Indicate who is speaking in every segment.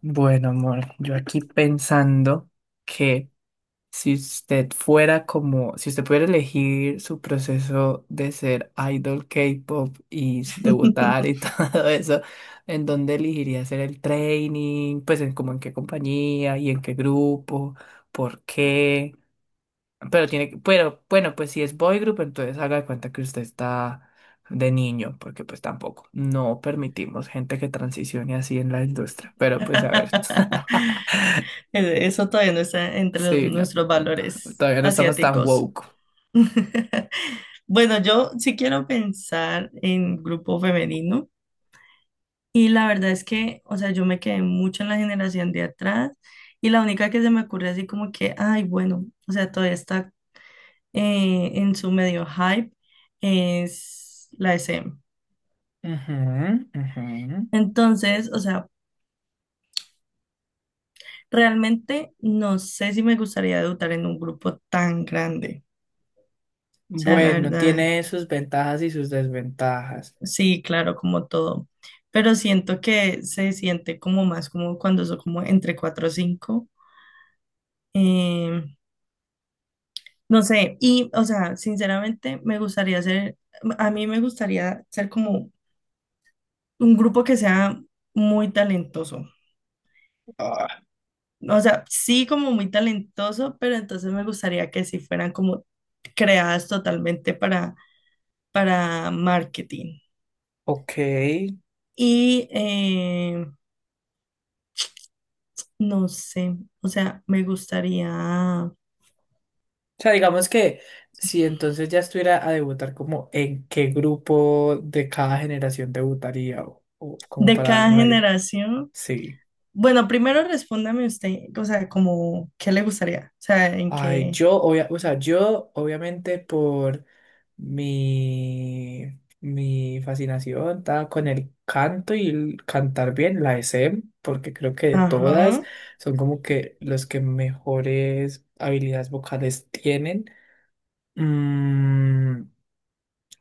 Speaker 1: Bueno, amor, yo aquí pensando que si usted fuera como, si usted pudiera elegir su proceso de ser idol K-pop y debutar y todo eso, ¿en dónde elegiría hacer el training? Pues en como en qué compañía y en qué grupo, ¿por qué? Pero tiene que, pero bueno, pues si es boy group, entonces haga de cuenta que usted está de niño, porque pues tampoco, no permitimos gente que transicione así en la industria. Pero pues a ver.
Speaker 2: Eso todavía no está entre
Speaker 1: Sí, no,
Speaker 2: nuestros
Speaker 1: no, no,
Speaker 2: valores
Speaker 1: todavía no estamos tan
Speaker 2: asiáticos.
Speaker 1: woke.
Speaker 2: Bueno, yo sí quiero pensar en grupo femenino y la verdad es que, o sea, yo me quedé mucho en la generación de atrás y la única que se me ocurre así como que, ay, bueno, o sea, todavía está en su medio hype es la SM.
Speaker 1: Ujú, ujú.
Speaker 2: Entonces, o sea, realmente no sé si me gustaría debutar en un grupo tan grande. O sea, la
Speaker 1: Bueno,
Speaker 2: verdad.
Speaker 1: tiene sus ventajas y sus desventajas.
Speaker 2: Sí, claro, como todo. Pero siento que se siente como más como cuando son como entre 4 o 5 eh, no sé, y o sea, sinceramente a mí me gustaría ser como un grupo que sea muy talentoso.
Speaker 1: Ah,
Speaker 2: O sea, sí como muy talentoso, pero entonces me gustaría que sí fueran como creadas totalmente para marketing.
Speaker 1: ok.
Speaker 2: Y no sé, o sea, me gustaría.
Speaker 1: O sea, digamos que si entonces ya estuviera a debutar, como en qué grupo de cada generación debutaría o como
Speaker 2: De
Speaker 1: para dar
Speaker 2: cada
Speaker 1: una idea.
Speaker 2: generación.
Speaker 1: Sí.
Speaker 2: Bueno, primero respóndame usted, o sea, como, ¿qué le gustaría? O sea, en
Speaker 1: Ay,
Speaker 2: qué.
Speaker 1: yo, o sea, yo obviamente por mi fascinación estaba con el canto y el cantar bien, la SM, porque creo que de todas
Speaker 2: Ajá,
Speaker 1: son como que los que mejores habilidades vocales tienen. Mm.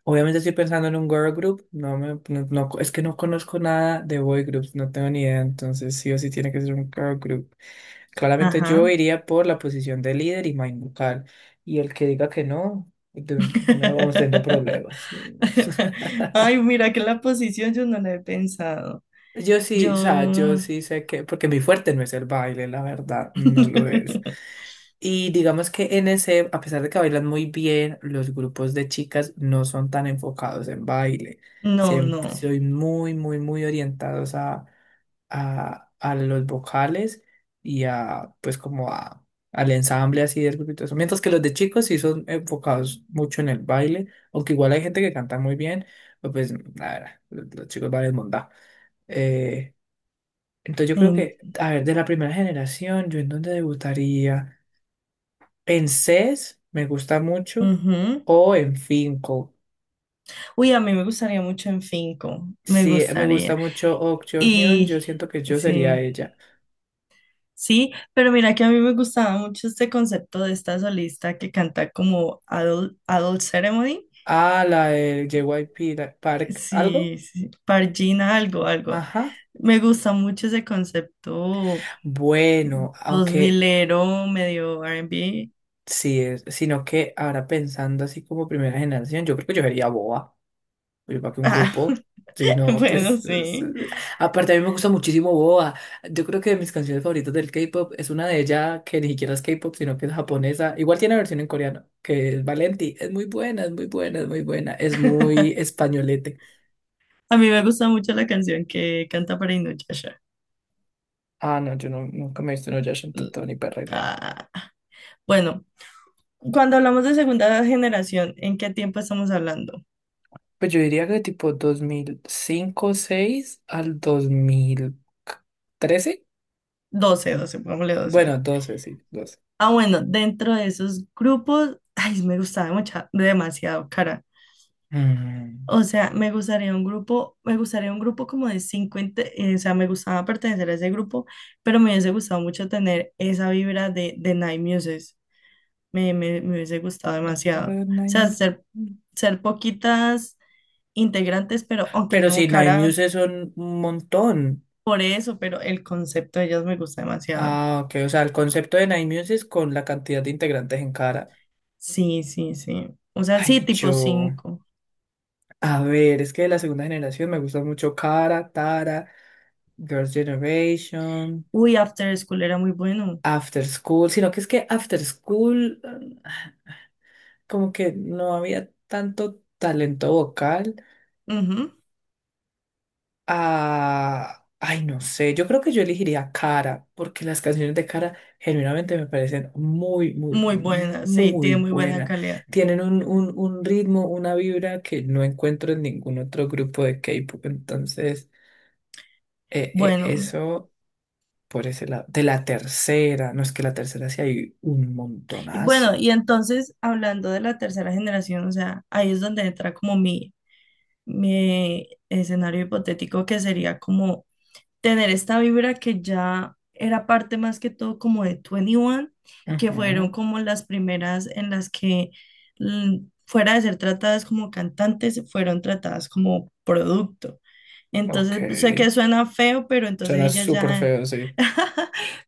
Speaker 1: Obviamente estoy pensando en un girl group, no me, no, no- es que no conozco nada de boy groups, no tengo ni idea, entonces sí o sí tiene que ser un girl group. Claramente yo
Speaker 2: ajá.
Speaker 1: iría por la posición de líder y main vocal, y el que diga que no, no vamos teniendo problemas.
Speaker 2: Ay, mira, que la posición yo no la he pensado.
Speaker 1: Yo sí, o sea, yo
Speaker 2: Yo.
Speaker 1: sí sé que, porque mi fuerte no es el baile, la verdad, no lo es. Y digamos que en ese, a pesar de que bailan muy bien, los grupos de chicas no son tan enfocados en baile.
Speaker 2: No,
Speaker 1: Siempre
Speaker 2: no.
Speaker 1: soy muy, muy, muy orientados a los vocales y a, pues como a, al ensamble así del grupo y todo eso. Mientras que los de chicos sí son enfocados mucho en el baile, aunque igual hay gente que canta muy bien, pero pues, nada, los chicos bailan mondá. Eh, entonces yo creo
Speaker 2: En-
Speaker 1: que, a ver, de la primera generación, yo en dónde debutaría. En CES me gusta mucho
Speaker 2: ujú.
Speaker 1: o en Finco.
Speaker 2: Uy, a mí me gustaría mucho en Finco, me
Speaker 1: Sí me gusta
Speaker 2: gustaría.
Speaker 1: mucho Ok Hyun, yo
Speaker 2: Y
Speaker 1: siento que yo sería
Speaker 2: sí.
Speaker 1: ella.
Speaker 2: Sí, pero mira que a mí me gustaba mucho este concepto de esta solista que canta como Adult Ceremony.
Speaker 1: Ah, la del JYP Park, ¿algo?
Speaker 2: Sí, sí, Pargina algo, algo.
Speaker 1: Ajá.
Speaker 2: Me gusta mucho ese concepto
Speaker 1: Bueno,
Speaker 2: dos
Speaker 1: aunque
Speaker 2: milero, medio R&B.
Speaker 1: sí es, sino que ahora pensando así como primera generación, yo creo que yo sería Boa. Oye, para que un
Speaker 2: Ah,
Speaker 1: grupo. Sí, no,
Speaker 2: bueno,
Speaker 1: pues.
Speaker 2: sí.
Speaker 1: Aparte, a mí me gusta muchísimo Boa. Yo creo que de mis canciones favoritas del K-pop es una de ella que ni siquiera es K-pop, sino que es japonesa. Igual tiene versión en coreano, que es Valenti. Es muy buena, es muy buena, es muy buena. Es muy españolete.
Speaker 2: A mí me gusta mucho la canción que canta para Inuyasha.
Speaker 1: Ah, no, yo no, nunca me he visto en Oyasha, entonces ni perra idea.
Speaker 2: Ah, bueno, cuando hablamos de segunda generación, ¿en qué tiempo estamos hablando?
Speaker 1: Pues yo diría que tipo 2005 seis al 2013.
Speaker 2: 12, 12, pongámosle 12.
Speaker 1: Bueno, doce sí, doce.
Speaker 2: Ah, bueno, dentro de esos grupos, ay, me gustaba demasiado, cara.
Speaker 1: Mm.
Speaker 2: O sea, me gustaría un grupo como de 50, o sea, me gustaba pertenecer a ese grupo, pero me hubiese gustado mucho tener esa vibra de Night Muses. Me hubiese gustado
Speaker 1: No,
Speaker 2: demasiado. O
Speaker 1: no,
Speaker 2: sea,
Speaker 1: no.
Speaker 2: ser poquitas integrantes, pero aunque
Speaker 1: Pero si
Speaker 2: no,
Speaker 1: Nine
Speaker 2: cara,
Speaker 1: Muse son un montón.
Speaker 2: por eso, pero el concepto de ellas me gusta demasiado.
Speaker 1: Ah, ok. O sea, el concepto de Nine Muse es con la cantidad de integrantes en Cara.
Speaker 2: Sí, sí, sí. O sea, sí,
Speaker 1: Ay,
Speaker 2: tipo
Speaker 1: yo.
Speaker 2: 5.
Speaker 1: A ver, es que de la segunda generación me gusta mucho Cara, Tara, Girls' Generation,
Speaker 2: Uy, After School era muy bueno.
Speaker 1: After School. Sino que es que After School, como que no había tanto talento vocal.
Speaker 2: Ujú.
Speaker 1: Ah, ay, no sé, yo creo que yo elegiría Cara, porque las canciones de Cara genuinamente me parecen muy, muy,
Speaker 2: Muy buena, sí,
Speaker 1: muy
Speaker 2: tiene muy buena
Speaker 1: buenas.
Speaker 2: calidad.
Speaker 1: Tienen un ritmo, una vibra que no encuentro en ningún otro grupo de K-pop. Entonces,
Speaker 2: Bueno,
Speaker 1: eso por ese lado. De la tercera, no es que la tercera sí hay un
Speaker 2: y bueno,
Speaker 1: montonazo.
Speaker 2: y entonces hablando de la tercera generación, o sea, ahí es donde entra como mi escenario hipotético que sería como tener esta vibra que ya era parte más que todo como de 21, que fueron
Speaker 1: Ujú.
Speaker 2: como las primeras en las que mm, fuera de ser tratadas como cantantes, fueron tratadas como producto. Entonces,
Speaker 1: Ok,
Speaker 2: pues, sé que suena feo, pero entonces
Speaker 1: suena
Speaker 2: ellas
Speaker 1: súper
Speaker 2: ya,
Speaker 1: feo, sí.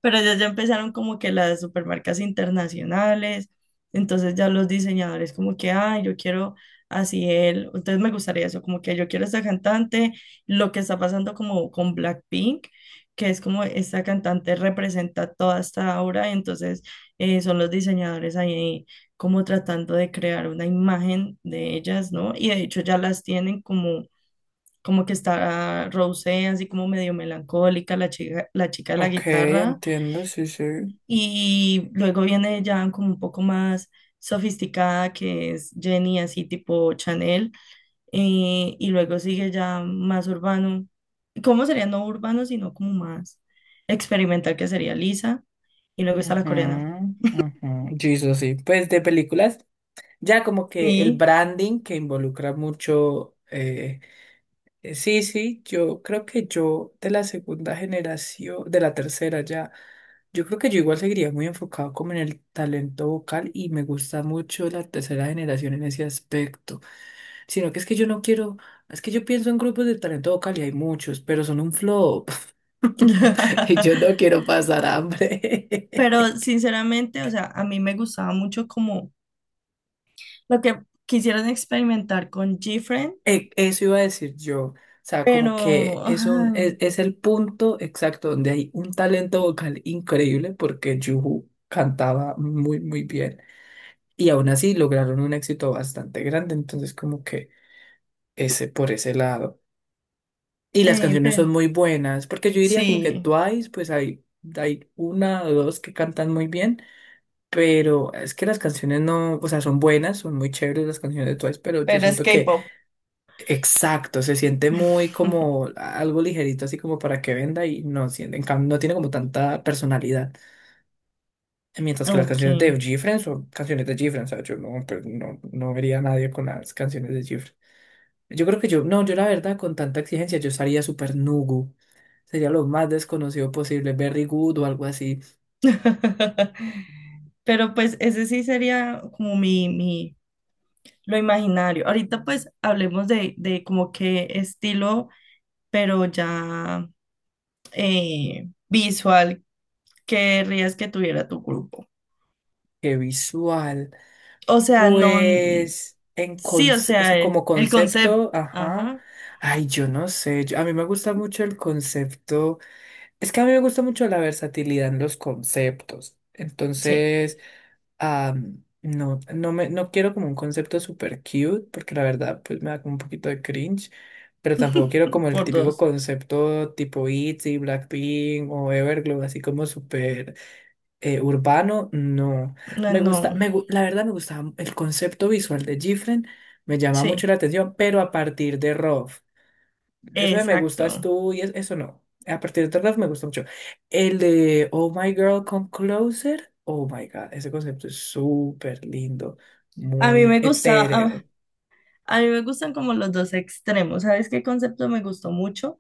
Speaker 2: pero ellas ya empezaron como que las supermarcas internacionales, entonces ya los diseñadores como que, ah, yo quiero así él, entonces me gustaría eso, como que yo quiero esta cantante lo que está pasando como con Blackpink, que es como esta cantante representa toda esta obra, y entonces son los diseñadores ahí como tratando de crear una imagen de ellas, ¿no? Y de hecho ya las tienen como que está Rosé, así como medio melancólica, la chica de la
Speaker 1: Ok,
Speaker 2: guitarra,
Speaker 1: entiendo, sí, sí.
Speaker 2: y luego viene ya como un poco más sofisticada, que es Jenny, así tipo Chanel. Y luego sigue ya más urbano. ¿Cómo sería no urbano, sino como más experimental, que sería Lisa? Y luego está la coreana.
Speaker 1: Ajá, ajá. Yo hizo sí. Pues de películas, ya como que el
Speaker 2: Sí.
Speaker 1: branding que involucra mucho. Sí, sí, yo creo que yo de la segunda generación, de la tercera ya, yo creo que yo igual seguiría muy enfocado como en el talento vocal y me gusta mucho la tercera generación en ese aspecto. Sino que es que yo no quiero, es que yo pienso en grupos de talento vocal y hay muchos, pero son un flop. Y yo no quiero pasar hambre.
Speaker 2: Pero sinceramente, o sea, a mí me gustaba mucho como lo que quisieron experimentar con GFriend,
Speaker 1: Eso iba a decir yo. O sea, como que
Speaker 2: pero,
Speaker 1: eso
Speaker 2: ay,
Speaker 1: es el punto exacto donde hay un talento vocal increíble porque Juhu cantaba muy, muy bien. Y aún así lograron un éxito bastante grande. Entonces, como que ese por ese lado. Y las canciones son
Speaker 2: pero.
Speaker 1: muy buenas porque yo diría como que
Speaker 2: Sí,
Speaker 1: Twice, pues hay una o dos que cantan muy bien. Pero es que las canciones no, o sea, son buenas, son muy chéveres las canciones de Twice, pero yo
Speaker 2: pero es
Speaker 1: siento que...
Speaker 2: K-pop.
Speaker 1: Exacto, se siente muy como algo ligerito, así como para que venda y no, en cambio, no tiene como tanta personalidad. Mientras que las
Speaker 2: Ok.
Speaker 1: canciones de Gifren son canciones de Gifren, o sea, yo no, pues, no, no vería a nadie con las canciones de Gifren. Yo creo que yo, no, yo la verdad, con tanta exigencia, yo estaría súper Nugu. Sería lo más desconocido posible, Berry Good o algo así,
Speaker 2: Pero pues ese sí sería como lo imaginario. Ahorita pues hablemos de como qué estilo, pero ya visual, querrías que tuviera tu grupo.
Speaker 1: que visual.
Speaker 2: O sea, no,
Speaker 1: Pues,
Speaker 2: sí, o
Speaker 1: o sea,
Speaker 2: sea,
Speaker 1: como
Speaker 2: el
Speaker 1: concepto,
Speaker 2: concepto,
Speaker 1: ajá.
Speaker 2: ajá,
Speaker 1: Ay, yo no sé. A mí me gusta mucho el concepto. Es que a mí me gusta mucho la versatilidad en los conceptos.
Speaker 2: sí,
Speaker 1: Entonces, no, no quiero como un concepto super cute, porque la verdad, pues me da como un poquito de cringe. Pero tampoco quiero como el
Speaker 2: por
Speaker 1: típico
Speaker 2: dos.
Speaker 1: concepto tipo ITZY, Blackpink o Everglow, así como súper urbano, no.
Speaker 2: No,
Speaker 1: Me gusta,
Speaker 2: no,
Speaker 1: la verdad me gustaba el concepto visual de Gifren, me llama mucho
Speaker 2: sí,
Speaker 1: la atención, pero a partir de Rov, eso de me gustas
Speaker 2: exacto.
Speaker 1: tú y eso no. A partir de Rov me gusta mucho. El de Oh My Girl Come Closer, oh my God, ese concepto es súper lindo,
Speaker 2: A mí
Speaker 1: muy
Speaker 2: me gusta,
Speaker 1: etéreo.
Speaker 2: a mí me gustan como los dos extremos. ¿Sabes qué concepto me gustó mucho?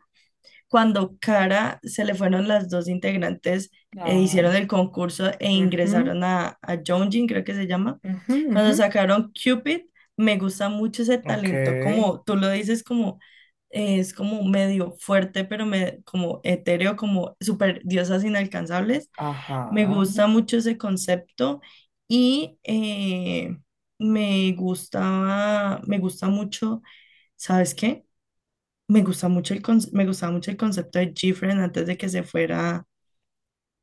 Speaker 2: Cuando Cara se le fueron las dos integrantes, hicieron
Speaker 1: Ay.
Speaker 2: el concurso e
Speaker 1: Ujú,
Speaker 2: ingresaron a Yeonjin, creo que se llama.
Speaker 1: ujú,
Speaker 2: Cuando
Speaker 1: ujú.
Speaker 2: sacaron Cupid, me gusta mucho ese
Speaker 1: Ok,
Speaker 2: talento, como tú lo dices, como es como medio fuerte, pero me, como etéreo, como super diosas inalcanzables. Me
Speaker 1: ajá.
Speaker 2: gusta mucho ese concepto y me gusta mucho, ¿sabes qué? Me gusta mucho me gustaba mucho el concepto de Gifren antes de que se fuera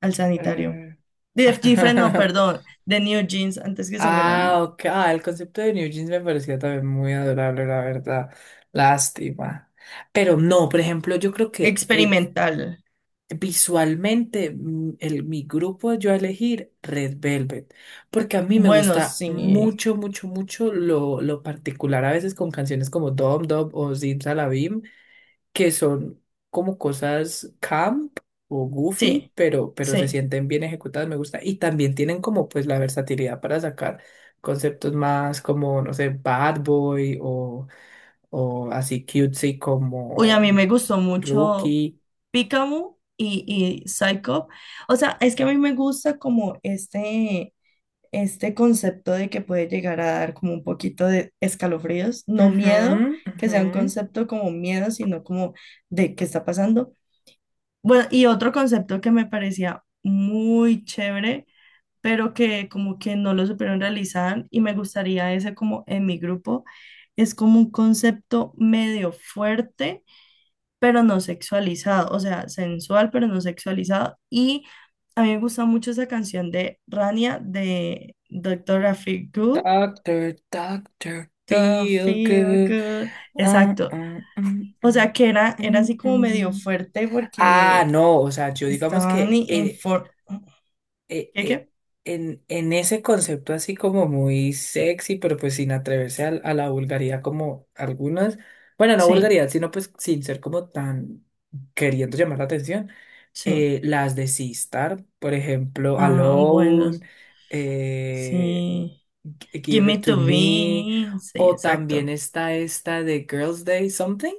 Speaker 2: al sanitario.
Speaker 1: eh.
Speaker 2: De Gifren, no, perdón, de New Jeans antes que se fuera
Speaker 1: Ah,
Speaker 2: al
Speaker 1: ok. Ah, el concepto de New Jeans me parecía también muy adorable, la verdad. Lástima. Pero no, por ejemplo, yo creo que
Speaker 2: experimental.
Speaker 1: visualmente el, mi grupo yo a elegir Red Velvet, porque a mí me
Speaker 2: Bueno,
Speaker 1: gusta
Speaker 2: sí,
Speaker 1: mucho, mucho, mucho lo particular a veces con canciones como Dom Dom o Zim Salabim, que son como cosas camp o goofy,
Speaker 2: sí,
Speaker 1: pero se
Speaker 2: sí.
Speaker 1: sienten bien ejecutadas, me gusta. Y también tienen como pues la versatilidad para sacar conceptos más como, no sé, Bad Boy o así cutesy
Speaker 2: Uy, a mí
Speaker 1: como
Speaker 2: me gustó mucho
Speaker 1: Rookie.
Speaker 2: Pikachu y Psycho. O sea, es que a mí me gusta como este concepto de que puede llegar a dar como un poquito de escalofríos, no
Speaker 1: Ujú,
Speaker 2: miedo, que sea
Speaker 1: ujú.
Speaker 2: un concepto como miedo, sino como de qué está pasando. Bueno, y otro concepto que me parecía muy chévere, pero que como que no lo supieron realizar y me gustaría ese como en mi grupo, es como un concepto medio fuerte, pero no sexualizado, o sea, sensual, pero no sexualizado. Y a mí me gusta mucho esa canción de Rania de Dr. Feel Good.
Speaker 1: Doctor, doctor,
Speaker 2: Don't
Speaker 1: feel
Speaker 2: feel
Speaker 1: good.
Speaker 2: good.
Speaker 1: Mm,
Speaker 2: Exacto.
Speaker 1: mm, mm,
Speaker 2: O
Speaker 1: mm,
Speaker 2: sea, que era
Speaker 1: mm,
Speaker 2: así como medio
Speaker 1: mm.
Speaker 2: fuerte
Speaker 1: Ah,
Speaker 2: porque
Speaker 1: no, o sea, yo digamos
Speaker 2: estaban
Speaker 1: que
Speaker 2: infor.
Speaker 1: eh,
Speaker 2: ¿Qué,
Speaker 1: eh,
Speaker 2: qué?
Speaker 1: en ese concepto así como muy sexy, pero pues sin atreverse a, la vulgaridad como algunas, bueno, no
Speaker 2: Sí,
Speaker 1: vulgaridad, sino pues sin ser como tan queriendo llamar la atención,
Speaker 2: sí.
Speaker 1: las de Sistar, por ejemplo,
Speaker 2: Ah, bueno,
Speaker 1: Alone, eh,
Speaker 2: sí. Give
Speaker 1: Give
Speaker 2: me
Speaker 1: It To
Speaker 2: to
Speaker 1: Me,
Speaker 2: be. Sí,
Speaker 1: o también
Speaker 2: exacto.
Speaker 1: está esta de Girls Day Something,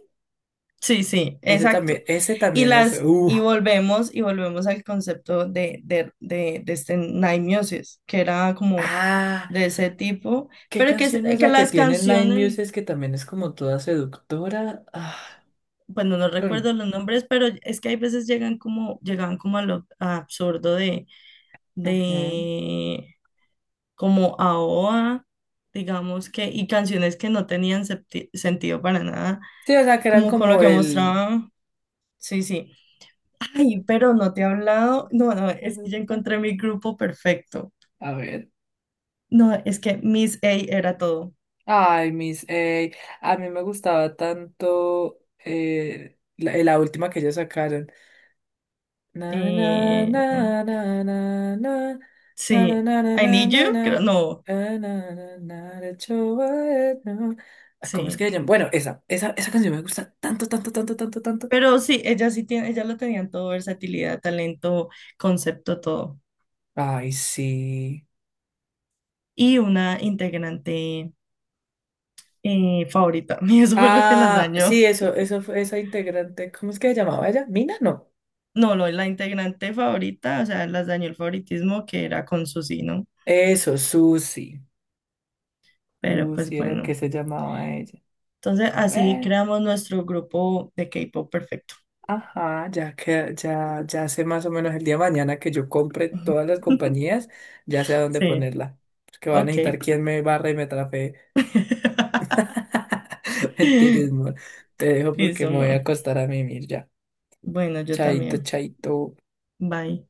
Speaker 2: Sí, sí, exacto.
Speaker 1: ese
Speaker 2: Y
Speaker 1: también es,
Speaker 2: las, y volvemos, y volvemos al concepto de este Naimiosis, que era como
Speaker 1: ah.
Speaker 2: de ese tipo,
Speaker 1: ¿Qué
Speaker 2: pero que,
Speaker 1: canción es
Speaker 2: que
Speaker 1: la que
Speaker 2: las
Speaker 1: tiene Nine
Speaker 2: canciones,
Speaker 1: Muses que también es como toda seductora? Ah,
Speaker 2: bueno, no
Speaker 1: mm,
Speaker 2: recuerdo los nombres, pero es que hay veces llegan como a lo absurdo de,
Speaker 1: ujú.
Speaker 2: de como AOA, digamos que, y canciones que no tenían sentido para nada,
Speaker 1: Sí, o sea, que eran
Speaker 2: como con lo
Speaker 1: como
Speaker 2: que
Speaker 1: el...
Speaker 2: mostraba. Sí, sí. Ay, pero no te he hablado. No, no, es que ya
Speaker 1: A
Speaker 2: encontré mi grupo perfecto.
Speaker 1: ver.
Speaker 2: No, es que Miss A era todo.
Speaker 1: Ay, a mí me gustaba tanto la última que ellos sacaron. Na, na, na,
Speaker 2: Eh,
Speaker 1: na, na, na, na, na,
Speaker 2: sí,
Speaker 1: na, na,
Speaker 2: I
Speaker 1: na,
Speaker 2: Need
Speaker 1: na, na,
Speaker 2: You, creo, no,
Speaker 1: na, na, na, na, de Chihuahua, no. Ah, ¿cómo es que
Speaker 2: sí.
Speaker 1: se llama? Bueno, esa canción me gusta tanto, tanto, tanto, tanto, tanto.
Speaker 2: Pero sí, ella sí tiene, ella lo tenían todo, versatilidad, talento, concepto, todo.
Speaker 1: Ay, sí.
Speaker 2: Y una integrante favorita. Y eso fue lo que las
Speaker 1: Ah,
Speaker 2: dañó.
Speaker 1: sí, eso fue esa integrante. ¿Cómo es que se llamaba ella? Mina, no.
Speaker 2: No, la integrante favorita, o sea, las dañó el favoritismo que era con Suzy, ¿no?
Speaker 1: Eso, Susi.
Speaker 2: Pero pues
Speaker 1: Susi era
Speaker 2: bueno.
Speaker 1: que se llamaba ella.
Speaker 2: Entonces, así
Speaker 1: Bueno,
Speaker 2: creamos nuestro grupo de K-pop perfecto.
Speaker 1: ajá, ya que ya, ya sé más o menos el día de mañana que yo compre todas las compañías, ya sé a dónde
Speaker 2: Sí,
Speaker 1: ponerla. Porque va a necesitar
Speaker 2: ok.
Speaker 1: quien me barra y me trafe. Mentiras, amor. Te dejo porque
Speaker 2: Listo,
Speaker 1: me voy a
Speaker 2: amor.
Speaker 1: acostar a mimir ya.
Speaker 2: Bueno, yo
Speaker 1: Chaito,
Speaker 2: también.
Speaker 1: chaito.
Speaker 2: Bye.